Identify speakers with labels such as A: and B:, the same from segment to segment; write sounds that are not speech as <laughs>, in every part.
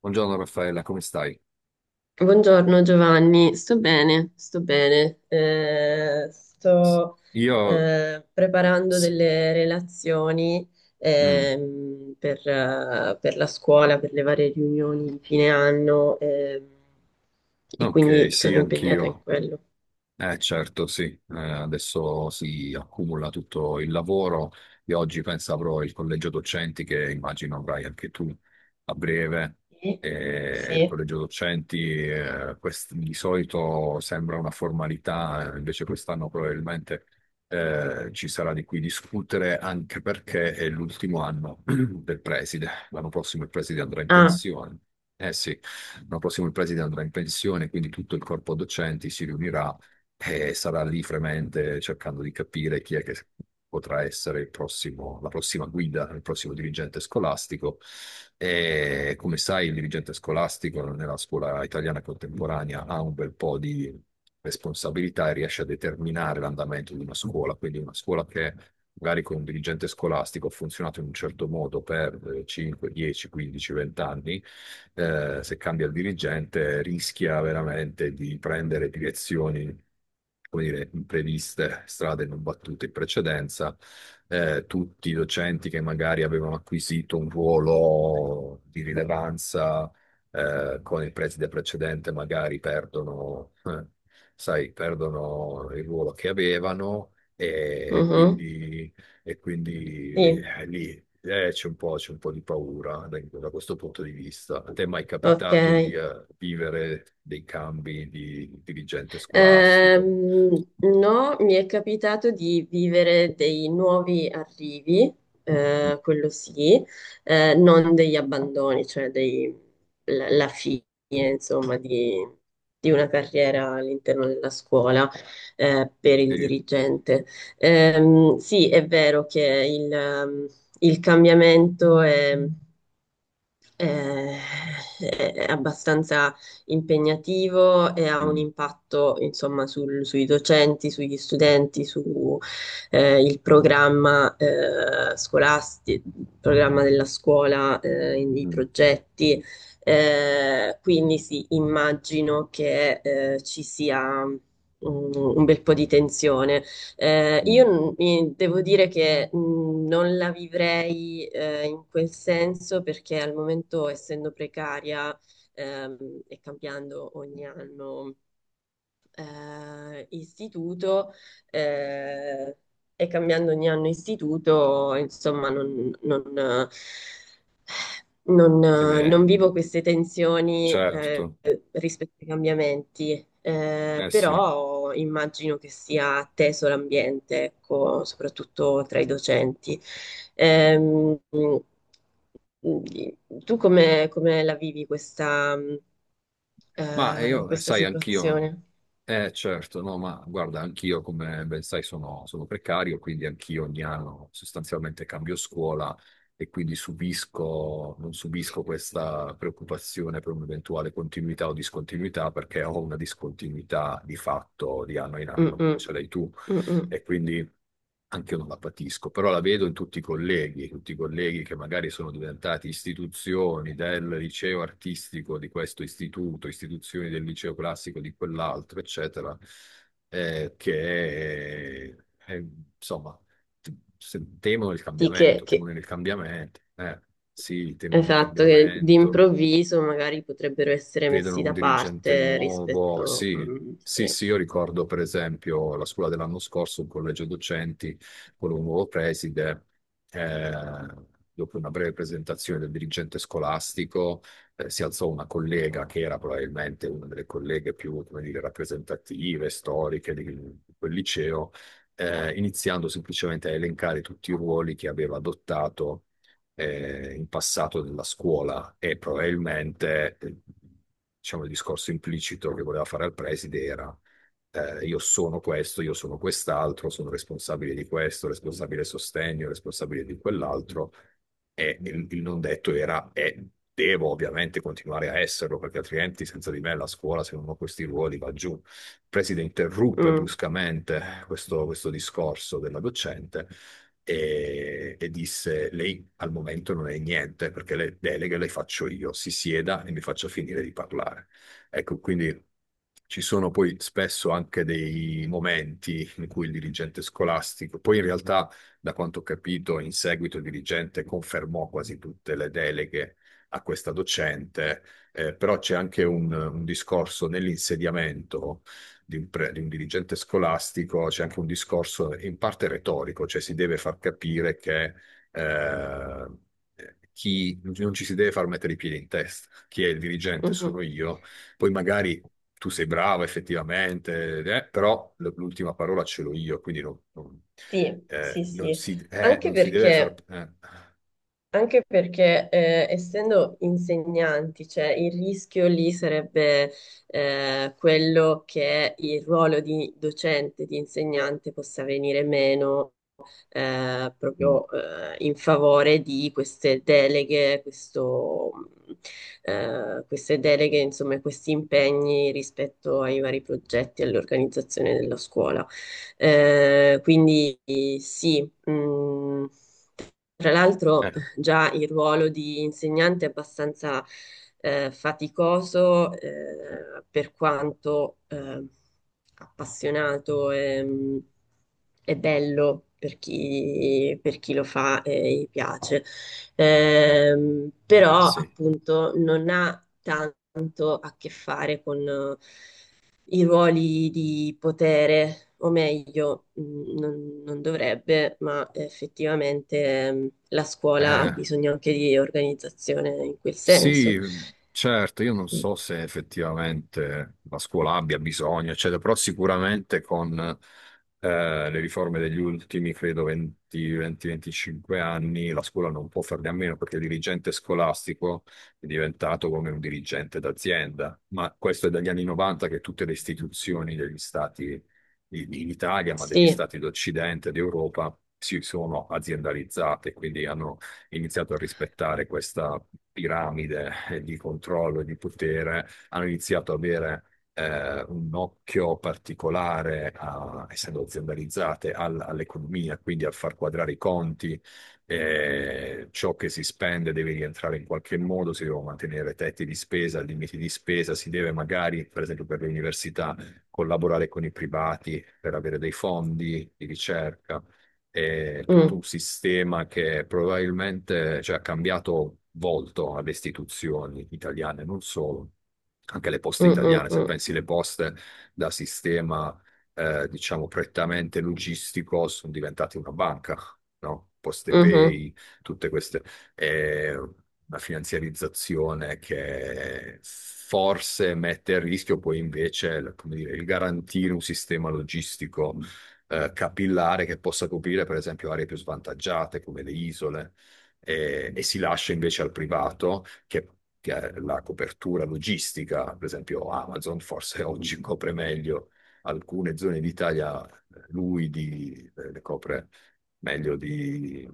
A: Buongiorno Raffaella, come stai?
B: Buongiorno Giovanni, sto bene, sto bene. Sto
A: Io...
B: preparando
A: s-
B: delle relazioni
A: mm,
B: per la scuola, per le varie riunioni di fine anno e
A: ok,
B: quindi
A: sì,
B: sono impegnata in
A: anch'io.
B: quello.
A: Eh certo, sì. Adesso si accumula tutto il lavoro e oggi penso avrò il collegio docenti che immagino avrai anche tu a breve.
B: Sì,
A: E il
B: sì.
A: collegio docenti, di solito sembra una formalità, invece quest'anno probabilmente ci sarà di cui discutere, anche perché è l'ultimo anno <clears throat> del preside. L'anno prossimo il preside andrà in
B: Ah,
A: pensione. Eh sì. L'anno prossimo il preside andrà in pensione, quindi tutto il corpo docenti si riunirà e sarà lì fremente cercando di capire chi è che potrà essere il prossimo, la prossima guida, il prossimo dirigente scolastico. E come sai, il dirigente scolastico nella scuola italiana contemporanea ha un bel po' di responsabilità e riesce a determinare l'andamento di una scuola, quindi una scuola che magari con un dirigente scolastico ha funzionato in un certo modo per 5, 10, 15, 20 anni, se cambia il dirigente, rischia veramente di prendere direzioni, come dire, impreviste, strade non battute in precedenza. Tutti i docenti che magari avevano acquisito un ruolo di rilevanza con il preside precedente, magari perdono, sai, perdono il ruolo che avevano. E
B: mhm,
A: quindi, e quindi,
B: sì,
A: lì, c'è un po' di paura da questo punto di vista. A te è mai
B: ok.
A: capitato di vivere dei cambi di dirigente scolastico?
B: No, mi è capitato di vivere dei nuovi arrivi, quello sì, non degli abbandoni, cioè la fine, insomma, di una carriera all'interno della scuola, per il
A: Sì.
B: dirigente. Sì, è vero che il cambiamento eh, è abbastanza impegnativo e ha un
A: Mm,
B: impatto, insomma, sui docenti, sugli studenti, su il programma scolastico, il programma della scuola, i
A: mm,
B: progetti. Quindi sì, immagino che ci sia un bel po' di tensione.
A: mm.
B: Io devo dire che non la vivrei in quel senso perché al momento, essendo precaria ehm, e cambiando ogni anno istituto, eh, e cambiando ogni anno istituto, insomma,
A: Eh beh,
B: non vivo queste tensioni
A: certo,
B: rispetto ai cambiamenti,
A: eh sì.
B: però immagino che sia teso l'ambiente, ecco, soprattutto tra i docenti. Ehm, Tu come la vivi questa,
A: Ma
B: eh,
A: io,
B: questa
A: sai, anch'io,
B: situazione?
A: eh certo, No, ma guarda, anch'io, come ben sai, sono precario, quindi anch'io ogni anno sostanzialmente cambio scuola e quindi non subisco questa preoccupazione per un'eventuale continuità o discontinuità, perché ho una discontinuità di fatto di anno in
B: Mm,
A: anno, come
B: mm,
A: ce l'hai tu,
B: mm, mm.
A: e quindi anche io non la patisco, però la vedo in tutti i colleghi che magari sono diventati istituzioni del liceo artistico di questo istituto, istituzioni del liceo classico di quell'altro, eccetera, che eh, insomma, temono il
B: Sì,
A: cambiamento, temono il cambiamento. Sì, temono il
B: esatto, che
A: cambiamento,
B: d'improvviso magari potrebbero essere messi
A: vedono un
B: da
A: dirigente
B: parte
A: nuovo.
B: rispetto,
A: Sì,
B: mm,
A: sì,
B: sì.
A: sì, io ricordo per esempio la scuola dell'anno scorso, il collegio docenti, con un nuovo preside. Eh, dopo una breve presentazione del dirigente scolastico, si alzò una collega che era probabilmente una delle colleghe più, come dire, rappresentative, storiche di quel liceo, iniziando semplicemente a elencare tutti i ruoli che aveva adottato in passato della scuola, e probabilmente, diciamo, il discorso implicito che voleva fare al preside era, io sono questo, io sono quest'altro, sono responsabile di questo, responsabile sostegno, responsabile di quell'altro, e il non detto era: e devo ovviamente continuare a esserlo, perché altrimenti senza di me la scuola, se non ho questi ruoli, va giù. Il preside interruppe
B: Mm.
A: bruscamente questo discorso della docente e disse: Lei al momento non è niente perché le deleghe le faccio io, si sieda e mi faccia finire di parlare. Ecco, quindi ci sono poi spesso anche dei momenti in cui il dirigente scolastico, poi in realtà, da quanto ho capito, in seguito il dirigente confermò quasi tutte le deleghe a questa docente, però c'è anche un discorso nell'insediamento di di un dirigente scolastico, c'è anche un discorso in parte retorico, cioè si deve far capire che eh, chi non ci si deve far mettere i piedi in testa, chi è il dirigente
B: Mhm.
A: sono io, poi magari tu sei bravo effettivamente, però l'ultima parola ce l'ho io, quindi
B: Sì, sì, sì, anche
A: non si deve far...
B: perché,
A: eh.
B: anche perché, essendo insegnanti, cioè il rischio lì sarebbe quello che il ruolo di docente, di insegnante possa venire meno
A: Mm.
B: proprio in favore di queste deleghe, queste deleghe, insomma, questi impegni rispetto ai vari progetti e all'organizzazione della scuola. Quindi sì. Tra
A: Eh,
B: l'altro, già il ruolo di insegnante è abbastanza faticoso, per quanto appassionato e bello per per chi lo fa e gli piace. Però,
A: sì.
B: appunto, non ha tanto a che fare con i ruoli di potere, o meglio, non dovrebbe, ma effettivamente la scuola ha
A: Eh,
B: bisogno anche di organizzazione in quel
A: sì,
B: senso.
A: certo, io non
B: Mm.
A: so se effettivamente la scuola abbia bisogno, eccetera, però sicuramente con le riforme degli ultimi, credo, 20, 20, 25 anni, la scuola non può farne a meno, perché il dirigente scolastico è diventato come un dirigente d'azienda, ma questo è dagli anni 90 che tutte le istituzioni degli stati in Italia, ma degli
B: Sì.
A: stati d'Occidente, d'Europa, si sono aziendalizzate, quindi hanno iniziato a rispettare questa piramide, di controllo e di potere, hanno iniziato ad avere un occhio particolare, essendo aziendalizzate, all'economia, quindi a far quadrare i conti, ciò che si spende deve rientrare in qualche modo, si devono mantenere tetti di spesa, limiti di spesa, si deve magari, per esempio per le università, collaborare con i privati per avere dei fondi di ricerca. È tutto
B: Mm,
A: un sistema che probabilmente, cioè, ha cambiato volto alle istituzioni italiane, non solo, anche le
B: mm,
A: poste
B: mm,
A: italiane. Se
B: mm,
A: pensi le poste da sistema, diciamo, prettamente logistico, sono diventate una banca, no?
B: mhm,
A: PostePay, tutte queste. È una finanziarizzazione che forse mette a rischio poi invece, come dire, il garantire un sistema logistico, capillare, che possa coprire, per esempio, aree più svantaggiate come le isole, e si lascia invece al privato che ha la copertura logistica, per esempio Amazon forse <laughs> oggi copre meglio alcune zone d'Italia, le copre meglio di-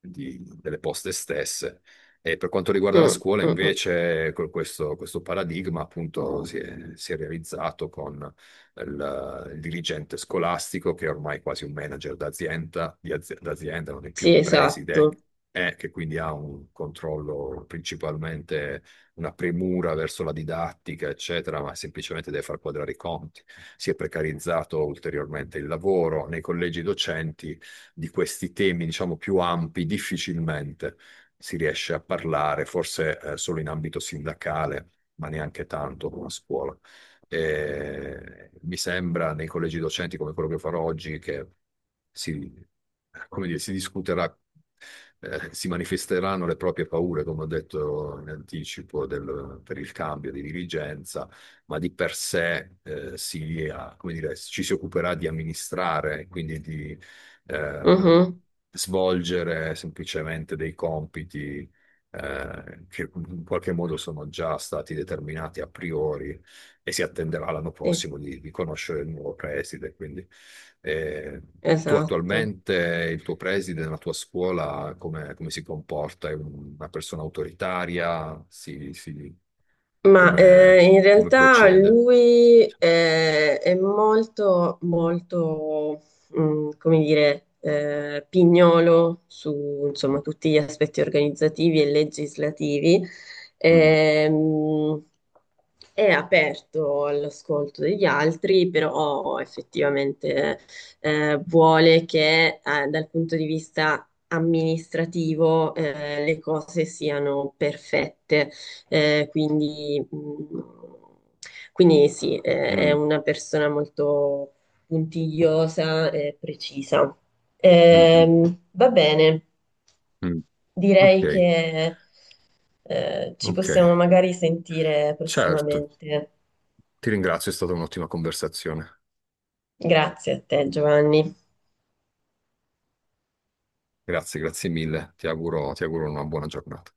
A: delle poste stesse. E per quanto riguarda
B: mm,
A: la scuola,
B: mm, mm. Mm.
A: invece, con questo paradigma appunto si è realizzato con il dirigente scolastico, che è ormai quasi un manager d'azienda, d'azienda, non è più
B: Sì,
A: il preside,
B: esatto.
A: e che quindi ha un controllo principalmente, una premura verso la didattica, eccetera, ma semplicemente deve far quadrare i conti. Si è precarizzato ulteriormente il lavoro nei collegi docenti. Di questi temi, diciamo, più ampi, difficilmente si riesce a parlare, forse solo in ambito sindacale, ma neanche tanto con la scuola. Mi sembra nei collegi docenti come quello che farò oggi che si, come dire, si discuterà, si manifesteranno le proprie paure, come ho detto in anticipo, per il cambio di dirigenza, ma di per sé, si, ah, come dire, ci si occuperà di amministrare, quindi di, eh,
B: Mhm.
A: svolgere semplicemente dei compiti che in qualche modo sono già stati determinati a priori, e si attenderà l'anno
B: Sì,
A: prossimo di conoscere il nuovo preside. Quindi, eh, tu
B: esatto.
A: attualmente, il tuo preside nella tua scuola, come, come si comporta? È una persona autoritaria?
B: Ma
A: Come,
B: in
A: come
B: realtà
A: procede?
B: lui è molto, molto, come dire, pignolo su, insomma, tutti gli aspetti organizzativi e legislativi.
A: Mm.
B: Ehm, è aperto all'ascolto degli altri, però effettivamente vuole che dal punto di vista amministrativo le cose siano perfette. Eh, quindi, mh, quindi sì, è
A: Mm,
B: una persona molto puntigliosa e precisa.
A: mm, mm,
B: Va bene,
A: mm. Ok,
B: direi che ci
A: ok,
B: possiamo magari sentire
A: certo.
B: prossimamente.
A: Ti ringrazio, è stata un'ottima conversazione.
B: Grazie a te, Giovanni.
A: Grazie, grazie mille. Ti auguro una buona giornata.